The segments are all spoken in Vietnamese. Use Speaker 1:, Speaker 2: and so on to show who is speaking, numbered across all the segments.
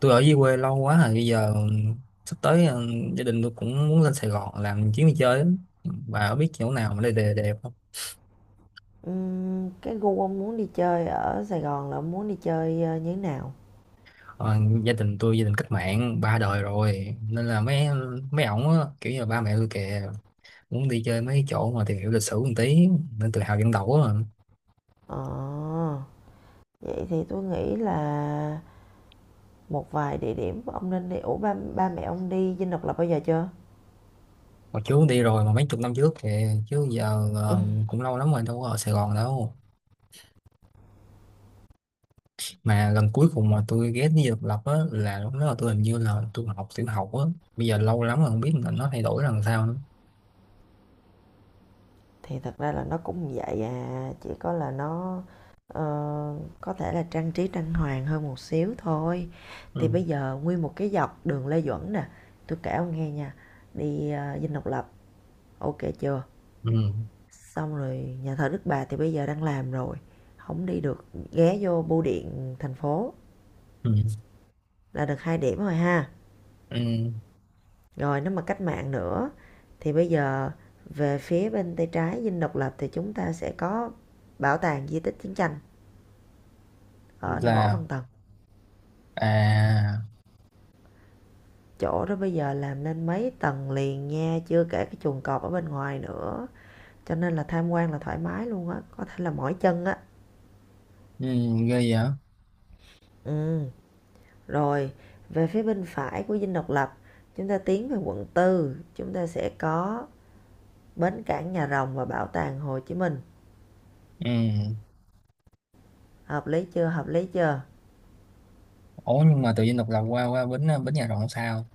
Speaker 1: Tôi ở dưới quê lâu quá rồi. Bây giờ sắp tới gia đình tôi cũng muốn lên Sài Gòn làm chuyến đi chơi á. Bà có biết chỗ nào mà đây đẹp đẹp không?
Speaker 2: Cái gu ông muốn đi chơi ở Sài Gòn là ông muốn đi chơi như thế nào?
Speaker 1: Ờ, gia đình tôi gia đình cách mạng ba đời rồi, nên là mấy mấy ổng á, kiểu như là ba mẹ tôi kìa, muốn đi chơi mấy chỗ mà tìm hiểu lịch sử một tí, nên tự hào dân tộc á mà.
Speaker 2: Ờ, vậy thì tôi nghĩ là một vài địa điểm ông nên đi. Ủa ba mẹ ông đi Dinh Độc Lập bao giờ chưa?
Speaker 1: Hồi trước đi rồi, mà mấy chục năm trước kìa, chứ giờ
Speaker 2: Ừ,
Speaker 1: cũng lâu lắm rồi, đâu có ở Sài Gòn đâu. Mà lần cuối cùng mà tôi ghét đi độc lập á là lúc đó là hình như là tôi học tiểu học á. Bây giờ lâu lắm rồi không biết là nó thay đổi làm sao nữa.
Speaker 2: thì thật ra là nó cũng vậy à, chỉ có là nó ờ, có thể là trang trí trang hoàng hơn một xíu thôi. Thì
Speaker 1: Ừ.
Speaker 2: bây giờ nguyên một cái dọc đường Lê Duẩn nè, tôi kể ông nghe nha, đi Dinh Độc Lập, ok chưa?
Speaker 1: Ừ.
Speaker 2: Xong rồi, nhà thờ Đức Bà thì bây giờ đang làm rồi, không đi được. Ghé vô bưu điện thành phố
Speaker 1: Ừ,
Speaker 2: là được 2 điểm rồi ha.
Speaker 1: ừ.
Speaker 2: Rồi nếu mà cách mạng nữa thì bây giờ về phía bên tay trái Dinh Độc Lập thì chúng ta sẽ có bảo tàng di tích chiến tranh ở Võ Văn
Speaker 1: Là,
Speaker 2: Tần.
Speaker 1: à,
Speaker 2: Chỗ đó bây giờ làm lên mấy tầng liền nha, chưa kể cái chuồng cọp ở bên ngoài nữa, cho nên là tham quan là thoải mái luôn á, có thể là mỏi chân á.
Speaker 1: ừ, ghê vậy.
Speaker 2: Ừ. Rồi, về phía bên phải của Dinh Độc Lập, chúng ta tiến về quận tư, chúng ta sẽ có bến cảng Nhà Rồng và bảo tàng Hồ Chí Minh.
Speaker 1: Ừ.
Speaker 2: Hợp lý chưa? Hợp lý chưa?
Speaker 1: Ủa, nhưng mà tự nhiên độc lập qua qua bến bến nhà rộng sao?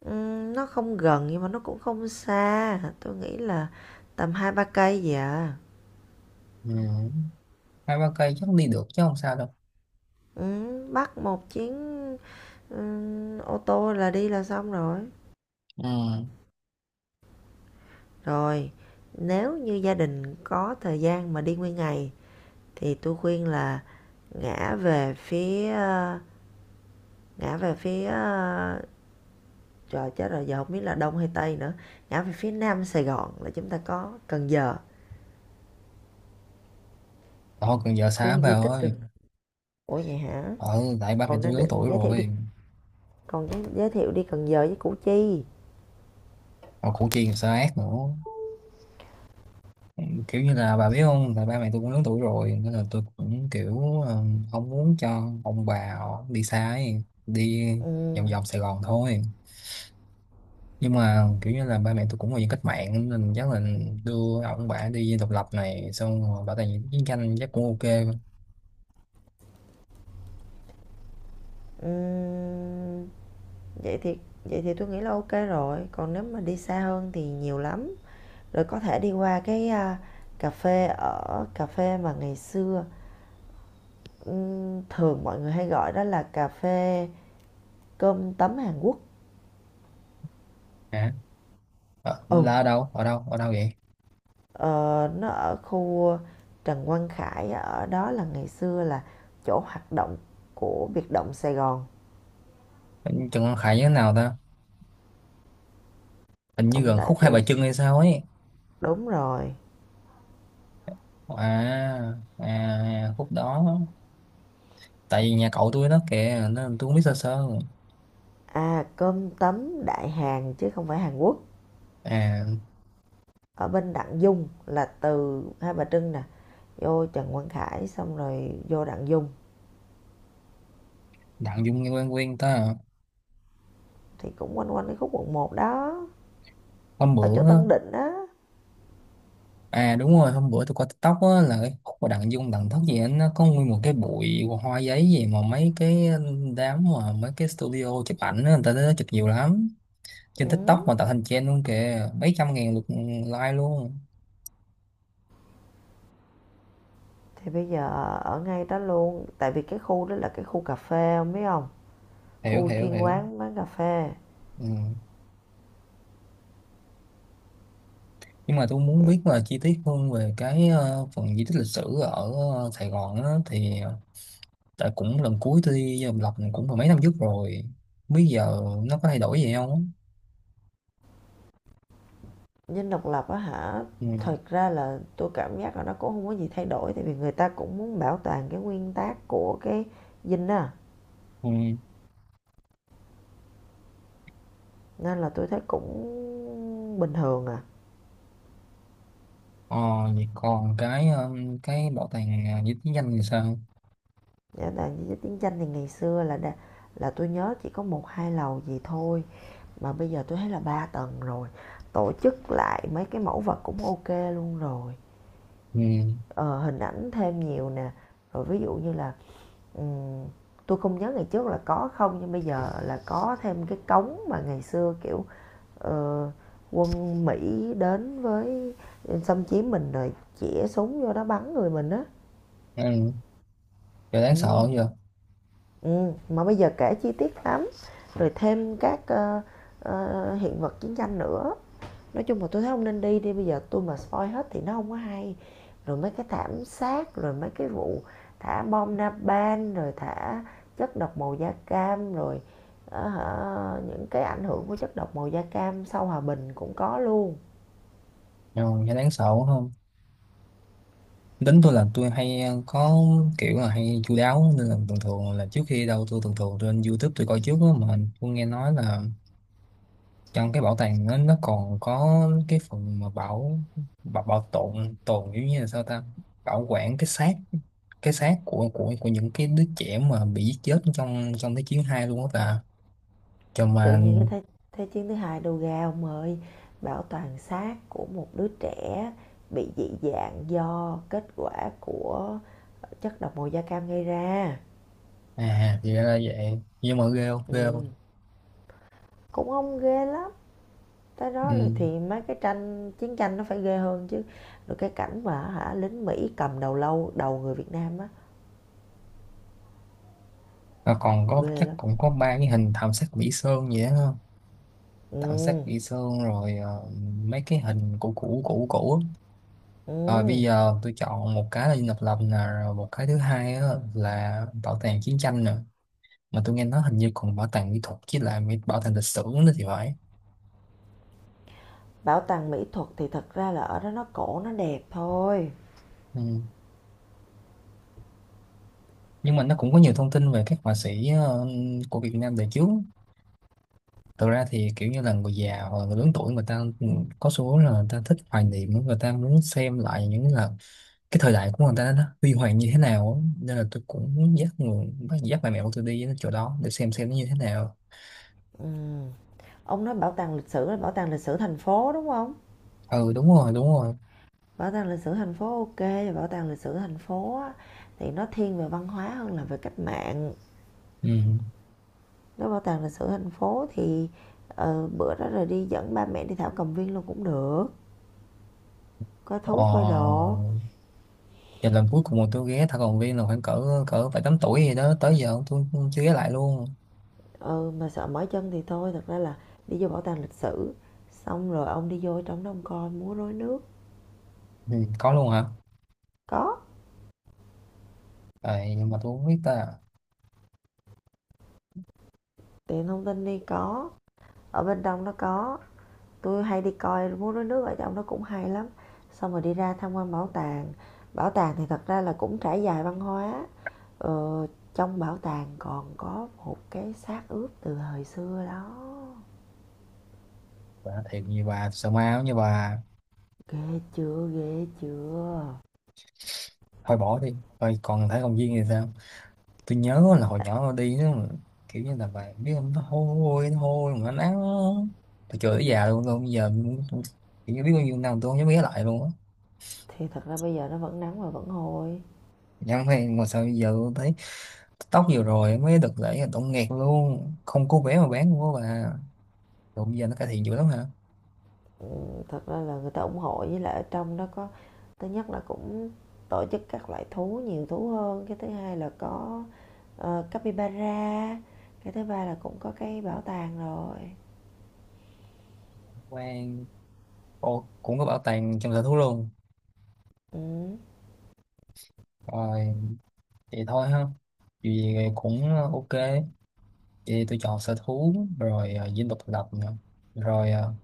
Speaker 2: Nó không gần nhưng mà nó cũng không xa. Tôi nghĩ là tầm 2-3 cây vậy à.
Speaker 1: Ừ, hai ba cây chắc đi được chứ không sao đâu.
Speaker 2: Bắt một chuyến ô tô là đi là xong rồi.
Speaker 1: Ừ.
Speaker 2: Rồi, nếu như gia đình có thời gian mà đi nguyên ngày thì tôi khuyên là ngã về phía ờ, ngã về phía ờ, trời, chết rồi giờ không biết là đông hay tây nữa. Ngã về phía nam Sài Gòn là chúng ta có Cần Giờ,
Speaker 1: Thôi còn giờ xá
Speaker 2: khu di
Speaker 1: vào
Speaker 2: tích
Speaker 1: ơi.
Speaker 2: rừng. Ủa vậy hả?
Speaker 1: Ừ, tại ba mẹ
Speaker 2: Còn
Speaker 1: tôi
Speaker 2: đang
Speaker 1: lớn
Speaker 2: định
Speaker 1: tuổi
Speaker 2: giới thiệu đi.
Speaker 1: rồi.
Speaker 2: Còn giới thiệu đi Cần Giờ với Củ Chi.
Speaker 1: Còn củ chi còn sao ác nữa. Kiểu như là bà biết không, là ba mẹ tôi cũng lớn tuổi rồi, nên là tôi cũng kiểu không muốn cho ông bà họ đi xa ấy, đi
Speaker 2: Ừ,
Speaker 1: vòng vòng Sài Gòn thôi. Nhưng mà kiểu như là ba mẹ tôi cũng là dân cách mạng, nên chắc là đưa ông bà đi độc lập này, xong rồi bảo tàng chiến tranh chắc cũng ok.
Speaker 2: ừ, vậy thì vậy thì tôi nghĩ là ok rồi, còn nếu mà đi xa hơn thì nhiều lắm. Rồi có thể đi qua cái cà phê mà ngày xưa, thường mọi người hay gọi đó là cà phê cơm tấm Hàn Quốc.
Speaker 1: Hả?
Speaker 2: Ừ.
Speaker 1: Là ở đâu, ở đâu, ở đâu vậy?
Speaker 2: Ờ, nó ở khu Trần Quang Khải, ở đó là ngày xưa là chỗ hoạt động của biệt động Sài Gòn.
Speaker 1: Trần Quang Khải như thế nào ta, hình như
Speaker 2: Ông
Speaker 1: gần
Speaker 2: đợi
Speaker 1: khúc Hai Bà
Speaker 2: tôi.
Speaker 1: Trưng hay sao ấy.
Speaker 2: Đúng rồi.
Speaker 1: À à, khúc đó. Tại vì nhà cậu tôi nó kìa nên tôi cũng biết sơ sơ.
Speaker 2: À, cơm tấm đại Hàn chứ không phải Hàn Quốc.
Speaker 1: À,
Speaker 2: Ở bên Đặng Dung là từ Hai Bà Trưng nè, vô Trần Quang Khải xong rồi vô Đặng Dung
Speaker 1: Đặng Dung nghe quen quen ta à.
Speaker 2: thì cũng quanh quanh cái khúc quận một đó,
Speaker 1: Hôm
Speaker 2: ở chỗ
Speaker 1: bữa á-
Speaker 2: Tân Định á.
Speaker 1: À đúng rồi, hôm bữa tôi coi TikTok á, là cái khúc mà Đặng Dung Đặng Thất gì á, nó có nguyên một cái bụi hoa giấy gì, mà mấy cái đám, mà mấy cái studio chụp ảnh á, người ta tới đó chụp nhiều lắm. Trên
Speaker 2: Ừ.
Speaker 1: TikTok mà tạo thành trend luôn kìa, mấy trăm ngàn lượt like luôn.
Speaker 2: Thì bây giờ ở ngay đó luôn, tại vì cái khu đó là cái khu cà phê, ông biết không?
Speaker 1: Hiểu
Speaker 2: Khu
Speaker 1: hiểu
Speaker 2: chuyên
Speaker 1: hiểu.
Speaker 2: quán bán cà phê.
Speaker 1: Ừ. Nhưng mà tôi muốn biết là chi tiết hơn về cái phần di tích lịch sử ở Sài Gòn á, thì tại cũng lần cuối tôi đi Dòng Lọc cũng phải mấy năm trước rồi, bây giờ nó có thay đổi gì không á?
Speaker 2: Dinh Độc Lập á hả?
Speaker 1: Ừ.
Speaker 2: Thật ra là tôi cảm giác là nó cũng không có gì thay đổi, tại vì người ta cũng muốn bảo toàn cái nguyên tắc của cái Dinh á,
Speaker 1: Ừ.
Speaker 2: nên là tôi thấy cũng bình thường à.
Speaker 1: Ờ, vậy còn cái bảo tàng à, di tích danh thì sao?
Speaker 2: Dạ, tại vì chiến tranh thì ngày xưa là là tôi nhớ chỉ có 1-2 lầu gì thôi, mà bây giờ tôi thấy là 3 tầng rồi, tổ chức lại mấy cái mẫu vật cũng ok luôn rồi.
Speaker 1: Ừ.
Speaker 2: Ờ, hình ảnh thêm nhiều nè, rồi ví dụ như là ừ, tôi không nhớ ngày trước là có không, nhưng bây giờ là có thêm cái cống mà ngày xưa kiểu ờ, quân Mỹ đến với xâm chiếm mình rồi chĩa súng vô đó bắn người mình á.
Speaker 1: Ừ. Giờ đáng
Speaker 2: Ừ.
Speaker 1: sợ giờ.
Speaker 2: Ừ. Mà bây giờ kể chi tiết lắm, rồi thêm các hiện vật chiến tranh nữa. Nói chung là tôi thấy ông nên đi đi, bây giờ tôi mà spoil hết thì nó không có hay. Rồi mấy cái thảm sát, rồi mấy cái vụ thả bom napalm, rồi thả chất độc màu da cam, rồi ờ, những cái ảnh hưởng của chất độc màu da cam sau hòa bình cũng có luôn.
Speaker 1: Ừ. Giờ đáng sợ không? Tính tôi là tôi hay à, có kiểu là hay chu đáo, nên là thường thường là trước khi đâu tôi thường thường trên YouTube tôi coi trước đó. Mà tôi nghe nói là trong cái bảo tàng nó còn có cái phần mà bảo bảo, bảo tồn tồn kiểu như là sao ta, bảo quản cái xác, cái xác của của những cái đứa trẻ mà bị giết chết trong trong thế chiến hai luôn á ta, cho
Speaker 2: Tự
Speaker 1: mà.
Speaker 2: nhiên cái thế chiến thứ hai đồ ga ông ơi, bảo toàn xác của một đứa trẻ bị dị dạng do kết quả của chất độc màu da cam gây ra.
Speaker 1: À thì ra là vậy. Nhưng mà ghê không,
Speaker 2: Ừ.
Speaker 1: ghê không?
Speaker 2: Cũng không ghê lắm. Tới
Speaker 1: Ừ.
Speaker 2: đó rồi thì mấy cái tranh chiến tranh nó phải ghê hơn chứ. Rồi cái cảnh mà hả lính Mỹ cầm đầu lâu, đầu người Việt Nam á,
Speaker 1: Và còn có
Speaker 2: ghê
Speaker 1: chắc
Speaker 2: lắm.
Speaker 1: cũng có ba cái hình thảm sát Mỹ Sơn vậy đó không? Thảm sát
Speaker 2: Ừm.
Speaker 1: Mỹ Sơn rồi mấy cái hình cũ cũ cũ cũ á. Rồi
Speaker 2: Ừm.
Speaker 1: bây giờ tôi chọn một cái là Dinh Độc Lập nè, rồi một cái thứ hai á là bảo tàng chiến tranh nè. Mà tôi nghe nói hình như còn bảo tàng mỹ thuật chứ là mỹ- bảo tàng lịch sử nữa thì phải.
Speaker 2: Bảo tàng mỹ thuật thì thật ra là ở đó nó cổ nó đẹp thôi.
Speaker 1: Ừ. Nhưng mà nó cũng có nhiều thông tin về các họa sĩ của Việt Nam đời trước. Thực ra thì kiểu như là người già hoặc là người lớn tuổi người ta có xu hướng là người ta thích hoài niệm, người ta muốn xem lại những là cái thời đại của người ta nó huy hoàng như thế nào á. Nên là tôi cũng muốn dắt bà mẹ của tôi đi đến chỗ đó để xem nó như thế nào.
Speaker 2: Ừm. Ông nói bảo tàng lịch sử là bảo tàng lịch sử thành phố, đúng không?
Speaker 1: Ừ đúng rồi, đúng rồi.
Speaker 2: Bảo tàng lịch sử thành phố, ok. Bảo tàng lịch sử thành phố á thì nó thiên về văn hóa hơn là về cách mạng.
Speaker 1: Ừ.
Speaker 2: Nếu bảo tàng lịch sử thành phố thì, bữa đó rồi đi dẫn ba mẹ đi thảo cầm viên luôn cũng được, coi thú coi
Speaker 1: Ờ,
Speaker 2: đồ.
Speaker 1: và lần cuối cùng mà tôi ghé thảo cầm viên là khoảng cỡ cỡ phải tám tuổi gì đó, tới giờ tôi chưa ghé lại luôn.
Speaker 2: Ừ, mà sợ mỏi chân thì thôi, thật ra là đi vô bảo tàng lịch sử xong rồi ông đi vô trong đó ông coi múa rối nước.
Speaker 1: Ừ, có luôn hả?
Speaker 2: Có
Speaker 1: Vậy nhưng mà tôi không biết ta.
Speaker 2: tiện thông tin đi, có ở bên trong nó có, tôi hay đi coi múa rối nước ở trong đó cũng hay lắm. Xong rồi đi ra tham quan bảo tàng. Bảo tàng thì thật ra là cũng trải dài văn hóa, ờ, trong bảo tàng còn có một cái xác ướp từ thời xưa đó.
Speaker 1: Bà thiệt, như bà sợ ma giống như bà.
Speaker 2: Ghê chưa? Ghê chưa?
Speaker 1: Thôi bỏ đi. Thôi còn thấy công viên thì sao? Tôi nhớ là hồi nhỏ tôi đi nó kiểu như là bà biết không, nó hôi, nó hôi mà nó nắng, tôi chửi tới già luôn. Tôi bây giờ tôi- kiểu như biết bao nhiêu năm tôi không dám ghé lại luôn á.
Speaker 2: Thì thật ra bây giờ nó vẫn nắng và vẫn hôi.
Speaker 1: Nhưng mà sao bây giờ tôi thấy tóc vừa rồi mới đợt lễ là tổng nghẹt luôn, không có vé mà bán luôn á bà. Rồi bây giờ nó cải thiện dữ lắm hả?
Speaker 2: Ừ, thật ra là người ta ủng hộ, với lại ở trong đó có: thứ nhất là cũng tổ chức các loại thú, nhiều thú hơn; cái thứ hai là có, capybara; cái thứ ba là cũng có cái bảo tàng rồi.
Speaker 1: Quan, cô cũng có bảo tàng trong sở thú luôn.
Speaker 2: Ừm,
Speaker 1: Rồi, vậy thôi ha, vì cũng ok. Vậy tôi chọn sở thú, rồi dinh độc lập nè, rồi ờ,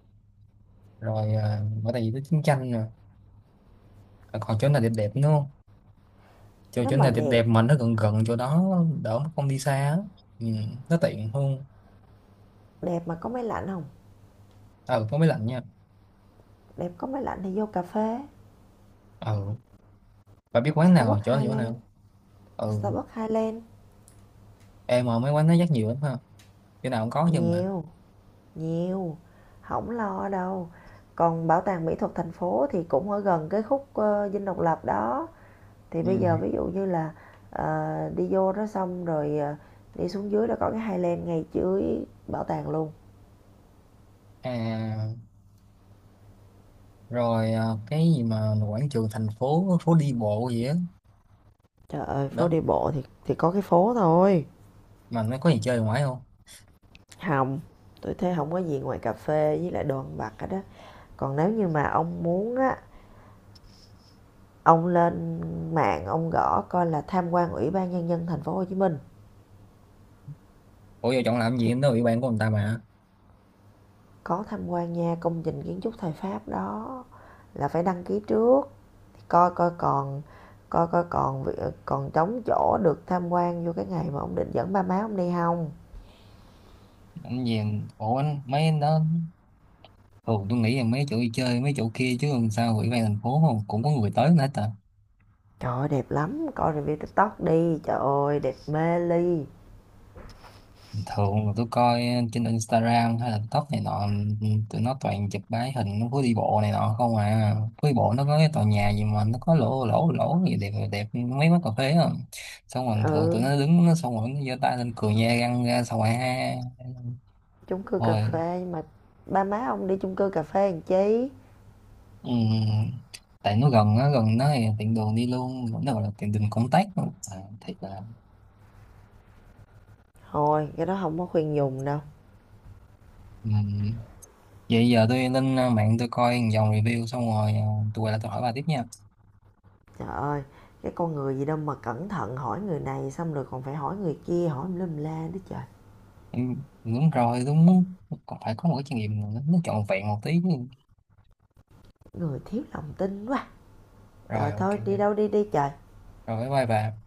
Speaker 1: rồi bảo tàng di tích chiến tranh nè. À, còn chỗ nào đẹp đẹp nữa không? chỗ
Speaker 2: nếu
Speaker 1: chỗ
Speaker 2: mà
Speaker 1: nào đẹp đẹp
Speaker 2: đẹp,
Speaker 1: mà nó gần gần chỗ đó, đỡ mà không đi xa á. Ừ, nó tiện hơn.
Speaker 2: đẹp mà có máy lạnh không?
Speaker 1: Ừ, có máy lạnh nha.
Speaker 2: Đẹp có máy lạnh thì vô cà phê,
Speaker 1: Ừ, bà biết quán nào,
Speaker 2: Starbucks,
Speaker 1: chỗ nào, chỗ
Speaker 2: Highland,
Speaker 1: nào? Ừ,
Speaker 2: Starbucks, Highland,
Speaker 1: em mà mấy quán nó rất nhiều lắm ha, chỗ nào cũng có chứ mà.
Speaker 2: nhiều, nhiều, không lo đâu. Còn bảo tàng mỹ thuật thành phố thì cũng ở gần cái khúc, Dinh Độc Lập đó. Thì
Speaker 1: Ừ.
Speaker 2: bây giờ ví dụ như là đi vô đó xong rồi, đi xuống dưới là có cái Highland ngay dưới bảo tàng luôn.
Speaker 1: À rồi, à, cái gì mà quảng trường thành phố, phố đi bộ gì á?
Speaker 2: Trời ơi phố
Speaker 1: Đó,
Speaker 2: đi bộ thì có cái phố thôi.
Speaker 1: mà nó có gì chơi ngoài không?
Speaker 2: Không, tôi thấy không có gì ngoài cà phê với lại đồ ăn vặt hết đó. Còn nếu như mà ông muốn á, ông lên mạng ông gõ coi là tham quan Ủy ban Nhân dân Thành phố Hồ Chí Minh,
Speaker 1: Ủa giờ chọn làm gì
Speaker 2: thì
Speaker 1: em đó bị bạn của người ta mà.
Speaker 2: có tham quan nha, công trình kiến trúc thời Pháp đó, là phải đăng ký trước. coi coi còn Coi coi còn còn trống chỗ được tham quan vô cái ngày mà ông định dẫn ba má ông đi không.
Speaker 1: Anh về. Ủa anh mấy anh đó. Thường tôi nghĩ là mấy chỗ đi chơi mấy chỗ kia, chứ làm sao ủy ban thành phố không cũng có người tới nữa ta.
Speaker 2: Trời ơi đẹp lắm, coi review TikTok đi, trời ơi đẹp mê ly.
Speaker 1: Thường là tôi coi trên Instagram hay là TikTok này nọ, tụi nó toàn chụp bái hình phố đi bộ này nọ không à. Phố đi bộ nó có cái tòa nhà gì mà nó có lỗ lỗ lỗ gì đẹp đẹp, mấy quán cà phê á, xong rồi thường tụi
Speaker 2: Ừ,
Speaker 1: nó đứng nó, xong rồi nó giơ tay lên cười nha răng ra, xong rồi ha.
Speaker 2: chung cư cà
Speaker 1: Rồi.
Speaker 2: phê mà. Ba má ông đi chung cư cà phê làm chi,
Speaker 1: ừm, tại nó gần á, gần nó thì tiện đường đi luôn, nó gọi là tiện đường công tác luôn. À, thiệt là.
Speaker 2: thôi cái đó không có khuyên dùng đâu.
Speaker 1: Ừm. Vậy giờ tôi lên à, mạng tôi coi một dòng review, xong rồi tôi quay lại tôi hỏi bà tiếp nha.
Speaker 2: Trời ơi, cái con người gì đâu mà cẩn thận, hỏi người này xong rồi còn phải hỏi người kia, hỏi lum la nữa trời.
Speaker 1: Ừ, đúng rồi đúng. Còn phải có một cái trải nghiệm nó trọn vẹn một tí chứ.
Speaker 2: Người thiếu lòng tin quá.
Speaker 1: Rồi
Speaker 2: Rồi
Speaker 1: ok.
Speaker 2: thôi, đi đâu đi đi trời.
Speaker 1: Rồi bye bye bà.